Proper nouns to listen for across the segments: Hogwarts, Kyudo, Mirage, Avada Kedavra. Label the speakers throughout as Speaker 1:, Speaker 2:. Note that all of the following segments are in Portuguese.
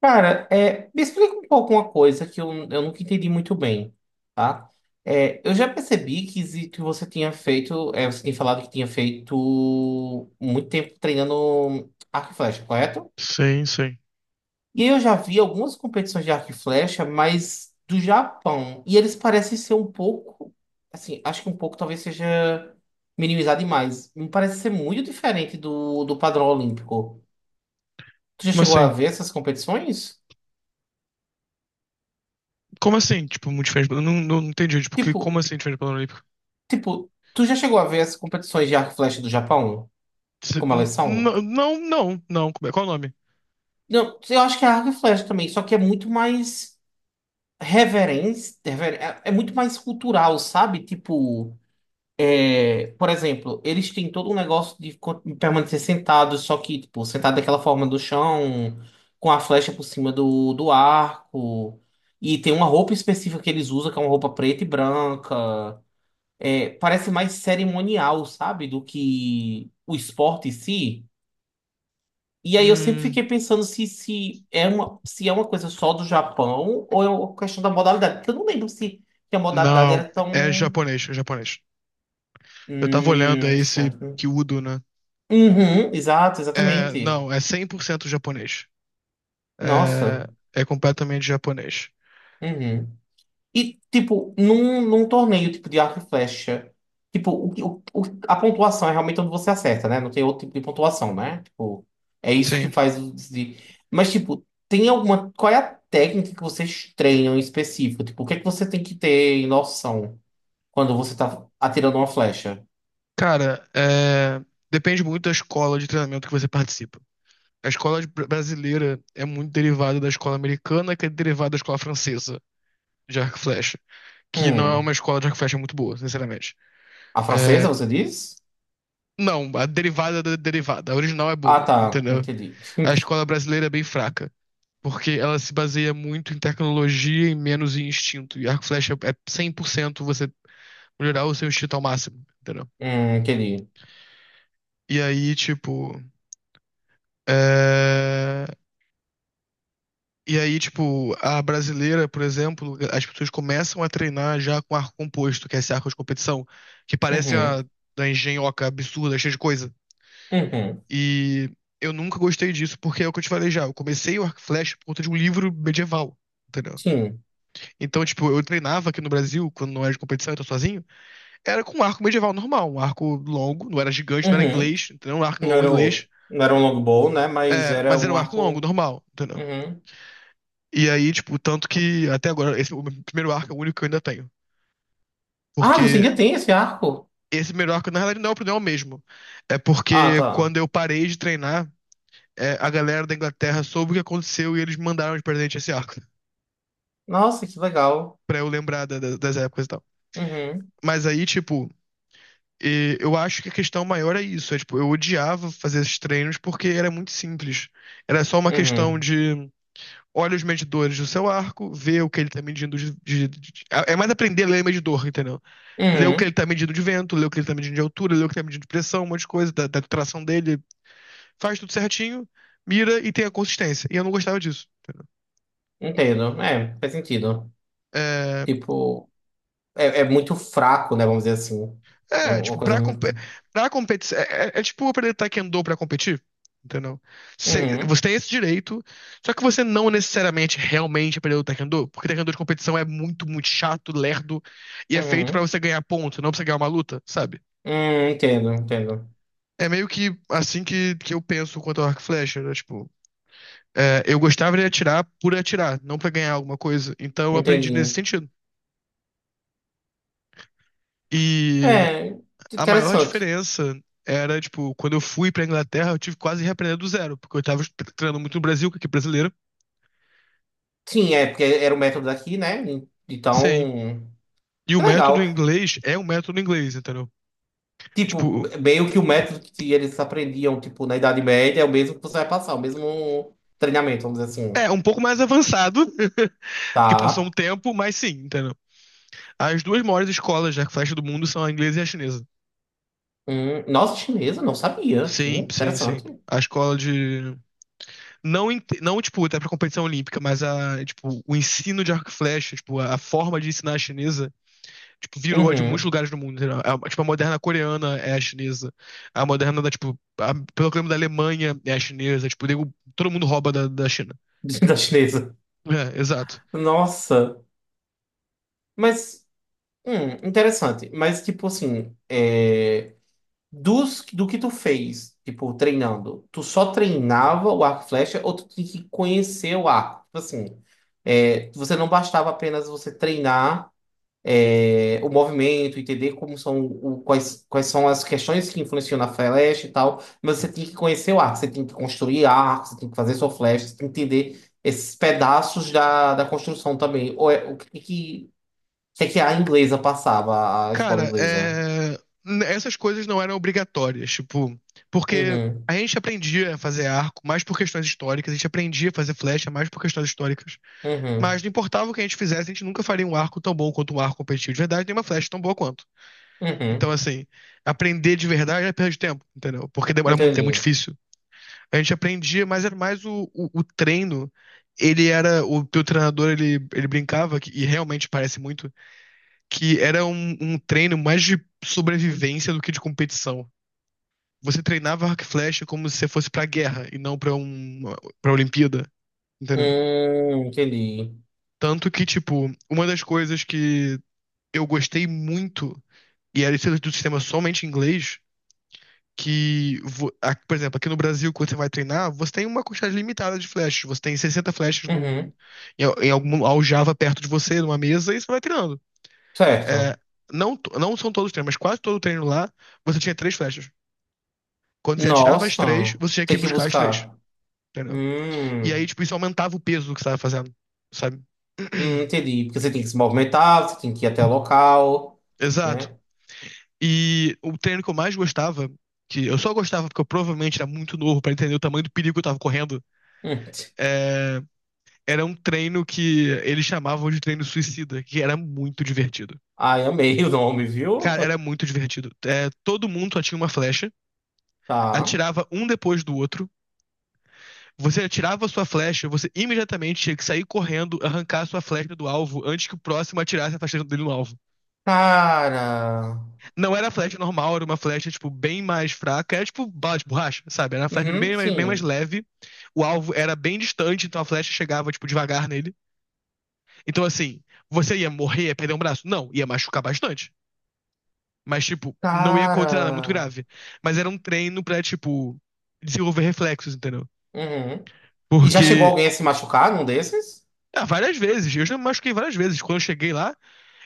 Speaker 1: Cara, me explica um pouco uma coisa que eu nunca entendi muito bem, tá? Eu já percebi que você tinha feito, você tinha falado que tinha feito muito tempo treinando arco e flecha, correto?
Speaker 2: Sim, sim.
Speaker 1: E eu já vi algumas competições de arco e flecha, mas do Japão. E eles parecem ser um pouco, assim, acho que um pouco talvez seja minimizado demais. Me parece ser muito diferente do padrão olímpico. Tu já
Speaker 2: Como
Speaker 1: chegou a
Speaker 2: assim?
Speaker 1: ver essas competições?
Speaker 2: Como assim, tipo, muito diferente? Eu não entendi, tipo, como
Speaker 1: Tipo
Speaker 2: assim diferente do padrão olímpico?
Speaker 1: Tipo, tu já chegou a ver as competições de arco e flecha do Japão? Como elas são?
Speaker 2: Não, não, não. Qual é o nome?
Speaker 1: Não, eu acho que é arco e flecha também, só que é muito mais reverência, é muito mais cultural, sabe? Tipo, por exemplo, eles têm todo um negócio permanecer sentados, só que, tipo, sentado daquela forma do chão, com a flecha por cima do arco. E tem uma roupa específica que eles usam, que é uma roupa preta e branca. Parece mais cerimonial, sabe? Do que o esporte em si. E aí eu sempre
Speaker 2: Hum,
Speaker 1: fiquei pensando se, se é uma coisa só do Japão ou é uma questão da modalidade. Porque eu não lembro se a modalidade
Speaker 2: não,
Speaker 1: era
Speaker 2: é
Speaker 1: tão.
Speaker 2: japonês, é japonês. Eu tava olhando, é esse
Speaker 1: Certo.
Speaker 2: Kyudo, né?
Speaker 1: Uhum, exato,
Speaker 2: É,
Speaker 1: exatamente.
Speaker 2: não, é 100% japonês.
Speaker 1: Nossa.
Speaker 2: É, é completamente japonês.
Speaker 1: Uhum. E, tipo, num torneio tipo de arco e flecha, tipo, o, que- o- a pontuação é realmente onde você acerta, né? Não tem outro tipo de pontuação, né? Tipo, é isso que
Speaker 2: Sim.
Speaker 1: faz o de. Mas, tipo, tem alguma. Qual é a técnica que vocês treinam em específico? Tipo, o que é que você tem que ter em noção quando você tá atirando uma flecha?
Speaker 2: Cara, depende muito da escola de treinamento que você participa. A escola brasileira é muito derivada da escola americana, que é derivada da escola francesa de arco e flecha, que não é uma
Speaker 1: Hum.
Speaker 2: escola de arco e flecha muito boa, sinceramente.
Speaker 1: A francesa,
Speaker 2: É,
Speaker 1: você diz?
Speaker 2: não, a derivada da derivada, a original é
Speaker 1: Ah,
Speaker 2: boa,
Speaker 1: tá.
Speaker 2: entendeu?
Speaker 1: Entendi.
Speaker 2: A escola brasileira é bem fraca, porque ela se baseia muito em tecnologia e menos em instinto. E arco e flecha é 100% você melhorar o seu instinto ao máximo, entendeu?
Speaker 1: Entendi.
Speaker 2: E aí, tipo. é, E aí, tipo, a brasileira, por exemplo, as pessoas começam a treinar já com arco composto, que é esse arco de competição, que parece a
Speaker 1: Uhum.
Speaker 2: da engenhoca absurda, cheia de coisa.
Speaker 1: Uhum.
Speaker 2: E eu nunca gostei disso, porque é o que eu te falei já. Eu comecei o arco e flecha por conta de um livro medieval, entendeu?
Speaker 1: Sim.
Speaker 2: Então, tipo, eu treinava aqui no Brasil, quando não era de competição, eu tô sozinho, era com um arco medieval normal, um arco longo, não era gigante, não era
Speaker 1: Uhum.
Speaker 2: inglês, entendeu? Um arco
Speaker 1: Não
Speaker 2: longo
Speaker 1: era um,
Speaker 2: inglês,
Speaker 1: não era um longbow, né? Mas era
Speaker 2: mas era
Speaker 1: um
Speaker 2: um arco longo,
Speaker 1: arco.
Speaker 2: normal, entendeu?
Speaker 1: Uhum.
Speaker 2: E aí, tipo, tanto que até agora, esse o meu primeiro arco é o único que eu ainda tenho.
Speaker 1: Ah, você
Speaker 2: Porque
Speaker 1: ainda tem esse arco?
Speaker 2: esse primeiro arco, na realidade, não é o problema mesmo. É
Speaker 1: Ah,
Speaker 2: porque
Speaker 1: tá.
Speaker 2: quando eu parei de treinar, a galera da Inglaterra soube o que aconteceu e eles me mandaram de presente esse arco.
Speaker 1: Nossa, que legal.
Speaker 2: Pra eu lembrar das épocas e tal.
Speaker 1: Uhum,
Speaker 2: Mas aí, tipo, eu acho que a questão maior é isso. É, tipo, eu odiava fazer esses treinos porque era muito simples. Era só uma questão
Speaker 1: uhum,
Speaker 2: de olha os medidores do seu arco, ver o que ele tá medindo de, é mais aprender a ler medidor, entendeu? Ler o que ele
Speaker 1: uhum.
Speaker 2: tá medindo de vento, ler o que ele tá medindo de altura, ler o que ele tá medindo de pressão, um monte de coisa, da tração dele. Faz tudo certinho, mira e tem a consistência. E eu não gostava disso, entendeu?
Speaker 1: Entendo. É, faz sentido.
Speaker 2: É,
Speaker 1: Tipo, é muito fraco, né? Vamos dizer assim. É
Speaker 2: É,
Speaker 1: um, uma
Speaker 2: tipo,
Speaker 1: coisa muito.
Speaker 2: pra competir. É tipo aprender taekwondo pra competir, entendeu? Você,
Speaker 1: Uhum,
Speaker 2: você tem esse direito, só que você não necessariamente realmente aprendeu o taekwondo, porque taekwondo de competição é muito, muito chato, lerdo, e é feito pra
Speaker 1: uhum.
Speaker 2: você ganhar ponto, não pra você ganhar uma luta, sabe?
Speaker 1: Entendo, entendo.
Speaker 2: É meio que assim que eu penso quanto ao arco e flecha, né? Tipo, eu gostava de atirar por atirar, não pra ganhar alguma coisa, então eu aprendi nesse
Speaker 1: Entendi.
Speaker 2: sentido. E
Speaker 1: É,
Speaker 2: a maior
Speaker 1: interessante.
Speaker 2: diferença era, tipo, quando eu fui pra Inglaterra, eu tive quase que quase reaprender do zero, porque eu tava treinando muito no Brasil, que aqui é brasileiro.
Speaker 1: Sim, porque era o método daqui, né?
Speaker 2: Sim.
Speaker 1: Então,
Speaker 2: E o
Speaker 1: que
Speaker 2: método
Speaker 1: legal.
Speaker 2: inglês é um método inglês, entendeu?
Speaker 1: Tipo,
Speaker 2: Tipo,
Speaker 1: meio que o método que eles aprendiam, tipo, na Idade Média é o mesmo que você vai passar, o mesmo treinamento, vamos dizer assim.
Speaker 2: é um pouco mais avançado, que passou
Speaker 1: Tá.
Speaker 2: um tempo, mas sim, entendeu? As duas maiores escolas de arco-flecha do mundo são a inglesa e a chinesa.
Speaker 1: Nossa, chinesa, não sabia.
Speaker 2: Sim, sim, sim.
Speaker 1: Interessante.
Speaker 2: A escola de. Não, não tipo, até pra competição olímpica, mas a, tipo, o ensino de arco e flecha, tipo, a forma de ensinar a chinesa tipo, virou a de muitos
Speaker 1: Uhum.
Speaker 2: lugares do mundo, entendeu? Tipo, a moderna coreana é a chinesa. A moderna da, tipo, a, pelo clima da Alemanha é a chinesa. Tipo, todo mundo rouba da China.
Speaker 1: Da chinesa.
Speaker 2: É, exato.
Speaker 1: Nossa. Mas, interessante. Mas, tipo assim, do que tu fez, tipo, treinando, tu só treinava o arco e flecha ou tu tinha que conhecer o arco? Tipo assim, você não bastava apenas você treinar. O movimento, entender quais são as questões que influenciam na flecha e tal, mas você tem que conhecer o arco, você tem que construir arco, você tem que fazer sua flecha, você tem que entender esses pedaços da construção também. Ou é- o que que, O que é que a inglesa passava, a escola
Speaker 2: Cara,
Speaker 1: inglesa?
Speaker 2: essas coisas não eram obrigatórias, tipo, porque a
Speaker 1: Uhum,
Speaker 2: gente aprendia a fazer arco mais por questões históricas, a gente aprendia a fazer flecha mais por questões históricas. Mas
Speaker 1: uhum,
Speaker 2: não importava o que a gente fizesse, a gente nunca faria um arco tão bom quanto um arco competitivo de verdade, nem uma flecha tão boa quanto. Então,
Speaker 1: uhum,
Speaker 2: assim, aprender de verdade é perda de tempo, entendeu? Porque demora muito, é muito
Speaker 1: entendi.
Speaker 2: difícil. A gente aprendia, mas era mais o treino. Ele era. O teu treinador, ele brincava, e realmente parece muito, que era um treino mais de sobrevivência do que de competição. Você treinava arco e flecha como se você fosse pra guerra e não pra Olimpíada, entendeu?
Speaker 1: Entendi.
Speaker 2: Tanto que, tipo, uma das coisas que eu gostei muito, e era isso do sistema somente em inglês, que, por exemplo, aqui no Brasil, quando você vai treinar, você tem uma quantidade limitada de flechas. Você tem 60 flechas no,
Speaker 1: Uhum,
Speaker 2: em, al- em algum aljava perto de você, numa mesa, e você vai treinando.
Speaker 1: certo.
Speaker 2: É, não, não são todos os treinos, mas quase todo treino lá, você tinha três flechas. Quando você atirava as
Speaker 1: Nossa,
Speaker 2: três, você tinha que ir
Speaker 1: tem que
Speaker 2: buscar as três,
Speaker 1: buscar.
Speaker 2: entendeu? E
Speaker 1: Hum.
Speaker 2: aí, tipo, isso aumentava o peso do que você estava fazendo, sabe?
Speaker 1: Entendi. Porque você tem que se movimentar, você tem que ir até o local,
Speaker 2: Exato.
Speaker 1: né?
Speaker 2: E o treino que eu mais gostava, que eu só gostava porque eu provavelmente era muito novo para entender o tamanho do perigo que eu tava correndo,
Speaker 1: Hum.
Speaker 2: é, era um treino que eles chamavam de treino suicida, que era muito divertido.
Speaker 1: Ai, amei o nome, viu?
Speaker 2: Cara, era muito divertido. É, todo mundo só tinha uma flecha,
Speaker 1: Tá.
Speaker 2: atirava um depois do outro. Você atirava a sua flecha, você imediatamente tinha que sair correndo, arrancar a sua flecha do alvo antes que o próximo atirasse a flecha dele no alvo.
Speaker 1: Cara.
Speaker 2: Não era flecha normal, era uma flecha, tipo, bem mais fraca. Era tipo bala de borracha, sabe? Era uma flecha
Speaker 1: Uhum,
Speaker 2: bem mais
Speaker 1: sim.
Speaker 2: leve. O alvo era bem distante, então a flecha chegava, tipo, devagar nele. Então, assim, você ia morrer, ia perder um braço? Não, ia machucar bastante. Mas, tipo, não ia acontecer nada é muito
Speaker 1: Cara.
Speaker 2: grave. Mas era um treino pra, tipo, desenvolver reflexos, entendeu?
Speaker 1: Uhum. E já chegou
Speaker 2: Porque,
Speaker 1: alguém a se machucar num desses?
Speaker 2: várias vezes, eu já me machuquei várias vezes. Quando eu cheguei lá,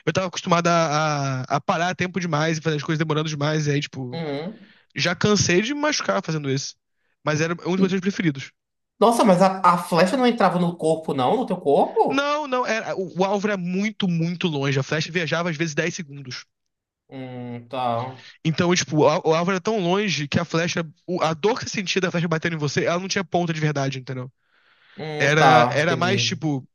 Speaker 2: eu tava acostumado a parar tempo demais e fazer as coisas demorando demais. E aí, tipo,
Speaker 1: Uhum.
Speaker 2: já cansei de me machucar fazendo isso. Mas era um dos meus treinos preferidos.
Speaker 1: Nossa, mas a flecha não entrava no corpo, não? No teu corpo?
Speaker 2: Não, não, era, o alvo era muito, muito longe. A flecha viajava às vezes 10 segundos.
Speaker 1: Tá.
Speaker 2: Então, tipo, o alvo era tão longe que a flecha, a dor que você sentia da flecha batendo em você, ela não tinha ponta de verdade, entendeu? era,
Speaker 1: Tá,
Speaker 2: era mais
Speaker 1: entendi.
Speaker 2: tipo.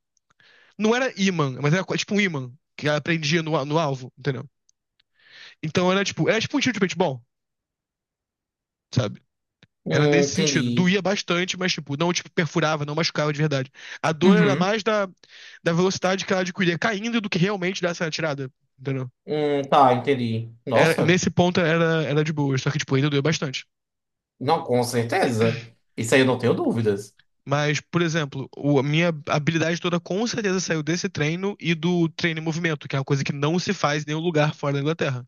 Speaker 2: Não era imã, mas era tipo um imã que ela prendia no alvo, entendeu? Então era tipo um tiro de paintball, sabe? Era nesse sentido.
Speaker 1: Entendi.
Speaker 2: Doía bastante, mas tipo, não tipo, perfurava, não machucava de verdade. A dor era
Speaker 1: Uhum.
Speaker 2: mais da velocidade que ela adquiria caindo do que realmente dessa tirada, entendeu?
Speaker 1: Tá, entendi. Nossa,
Speaker 2: Nesse ponto era de boa, só que tipo, ainda doía bastante.
Speaker 1: não, com certeza. Isso aí eu não tenho dúvidas.
Speaker 2: Mas, por exemplo, a minha habilidade toda com certeza saiu desse treino e do treino em movimento, que é uma coisa que não se faz em nenhum lugar fora da Inglaterra.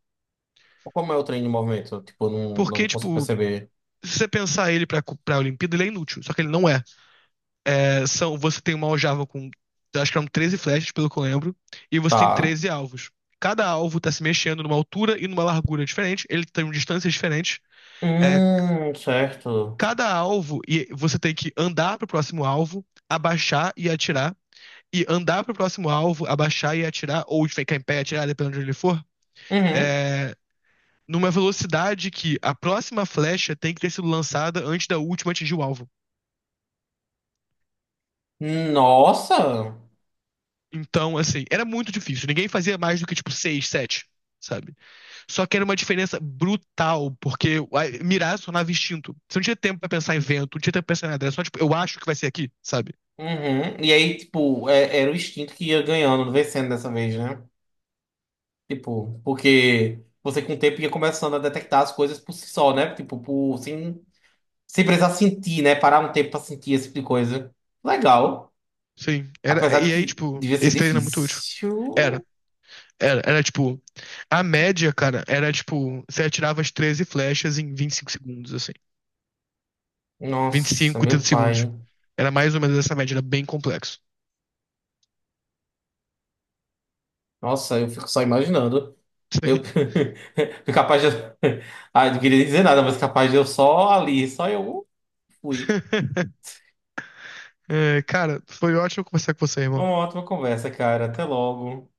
Speaker 1: Como é o trem de movimento? Tipo, não,
Speaker 2: Porque,
Speaker 1: não consigo
Speaker 2: tipo,
Speaker 1: perceber.
Speaker 2: se você pensar ele pra, pra Olimpíada, ele é inútil, só que ele não é. É, são, você tem uma aljava com, acho que eram 13 flechas, pelo que eu lembro, e você tem
Speaker 1: Tá.
Speaker 2: 13 alvos. Cada alvo tá se mexendo numa altura e numa largura diferente, ele tem distâncias diferentes. É,
Speaker 1: Certo.
Speaker 2: cada alvo, e você tem que andar pro próximo alvo, abaixar e atirar, e andar pro próximo alvo, abaixar e atirar, ou ficar em pé e atirar, dependendo de onde ele for,
Speaker 1: Uhum.
Speaker 2: é, numa velocidade que a próxima flecha tem que ter sido lançada antes da última atingir o alvo.
Speaker 1: Nossa!
Speaker 2: Então, assim, era muito difícil. Ninguém fazia mais do que, tipo, seis, sete, sabe? Só que era uma diferença brutal, porque mirar se tornava instinto. Você não tinha tempo pra pensar em vento, não tinha tempo pra pensar em nada. Era só, tipo, eu acho que vai ser aqui, sabe?
Speaker 1: Uhum. E aí, tipo, era o instinto que ia ganhando, vencendo dessa vez, né? Tipo, porque você com o tempo ia começando a detectar as coisas por si só, né? Tipo, por, sem, sem precisar sentir, né? Parar um tempo pra sentir esse tipo de coisa. Legal.
Speaker 2: Sim. Era,
Speaker 1: Apesar
Speaker 2: e
Speaker 1: de
Speaker 2: aí,
Speaker 1: que
Speaker 2: tipo,
Speaker 1: devia ser
Speaker 2: esse treino era muito útil. Era.
Speaker 1: difícil.
Speaker 2: Era tipo, a média, cara, era tipo, você atirava as 13 flechas em 25 segundos, assim. vinte e
Speaker 1: Nossa,
Speaker 2: cinco trinta
Speaker 1: meu
Speaker 2: segundos.
Speaker 1: pai.
Speaker 2: Era mais ou menos essa média, era bem complexo.
Speaker 1: Nossa, eu fico só imaginando. Eu
Speaker 2: Sim.
Speaker 1: capaz de. Ah, não queria dizer nada, mas capaz de eu só ali, só eu fui.
Speaker 2: É, cara, foi ótimo conversar com você, irmão.
Speaker 1: Uma ótima conversa, cara. Até logo.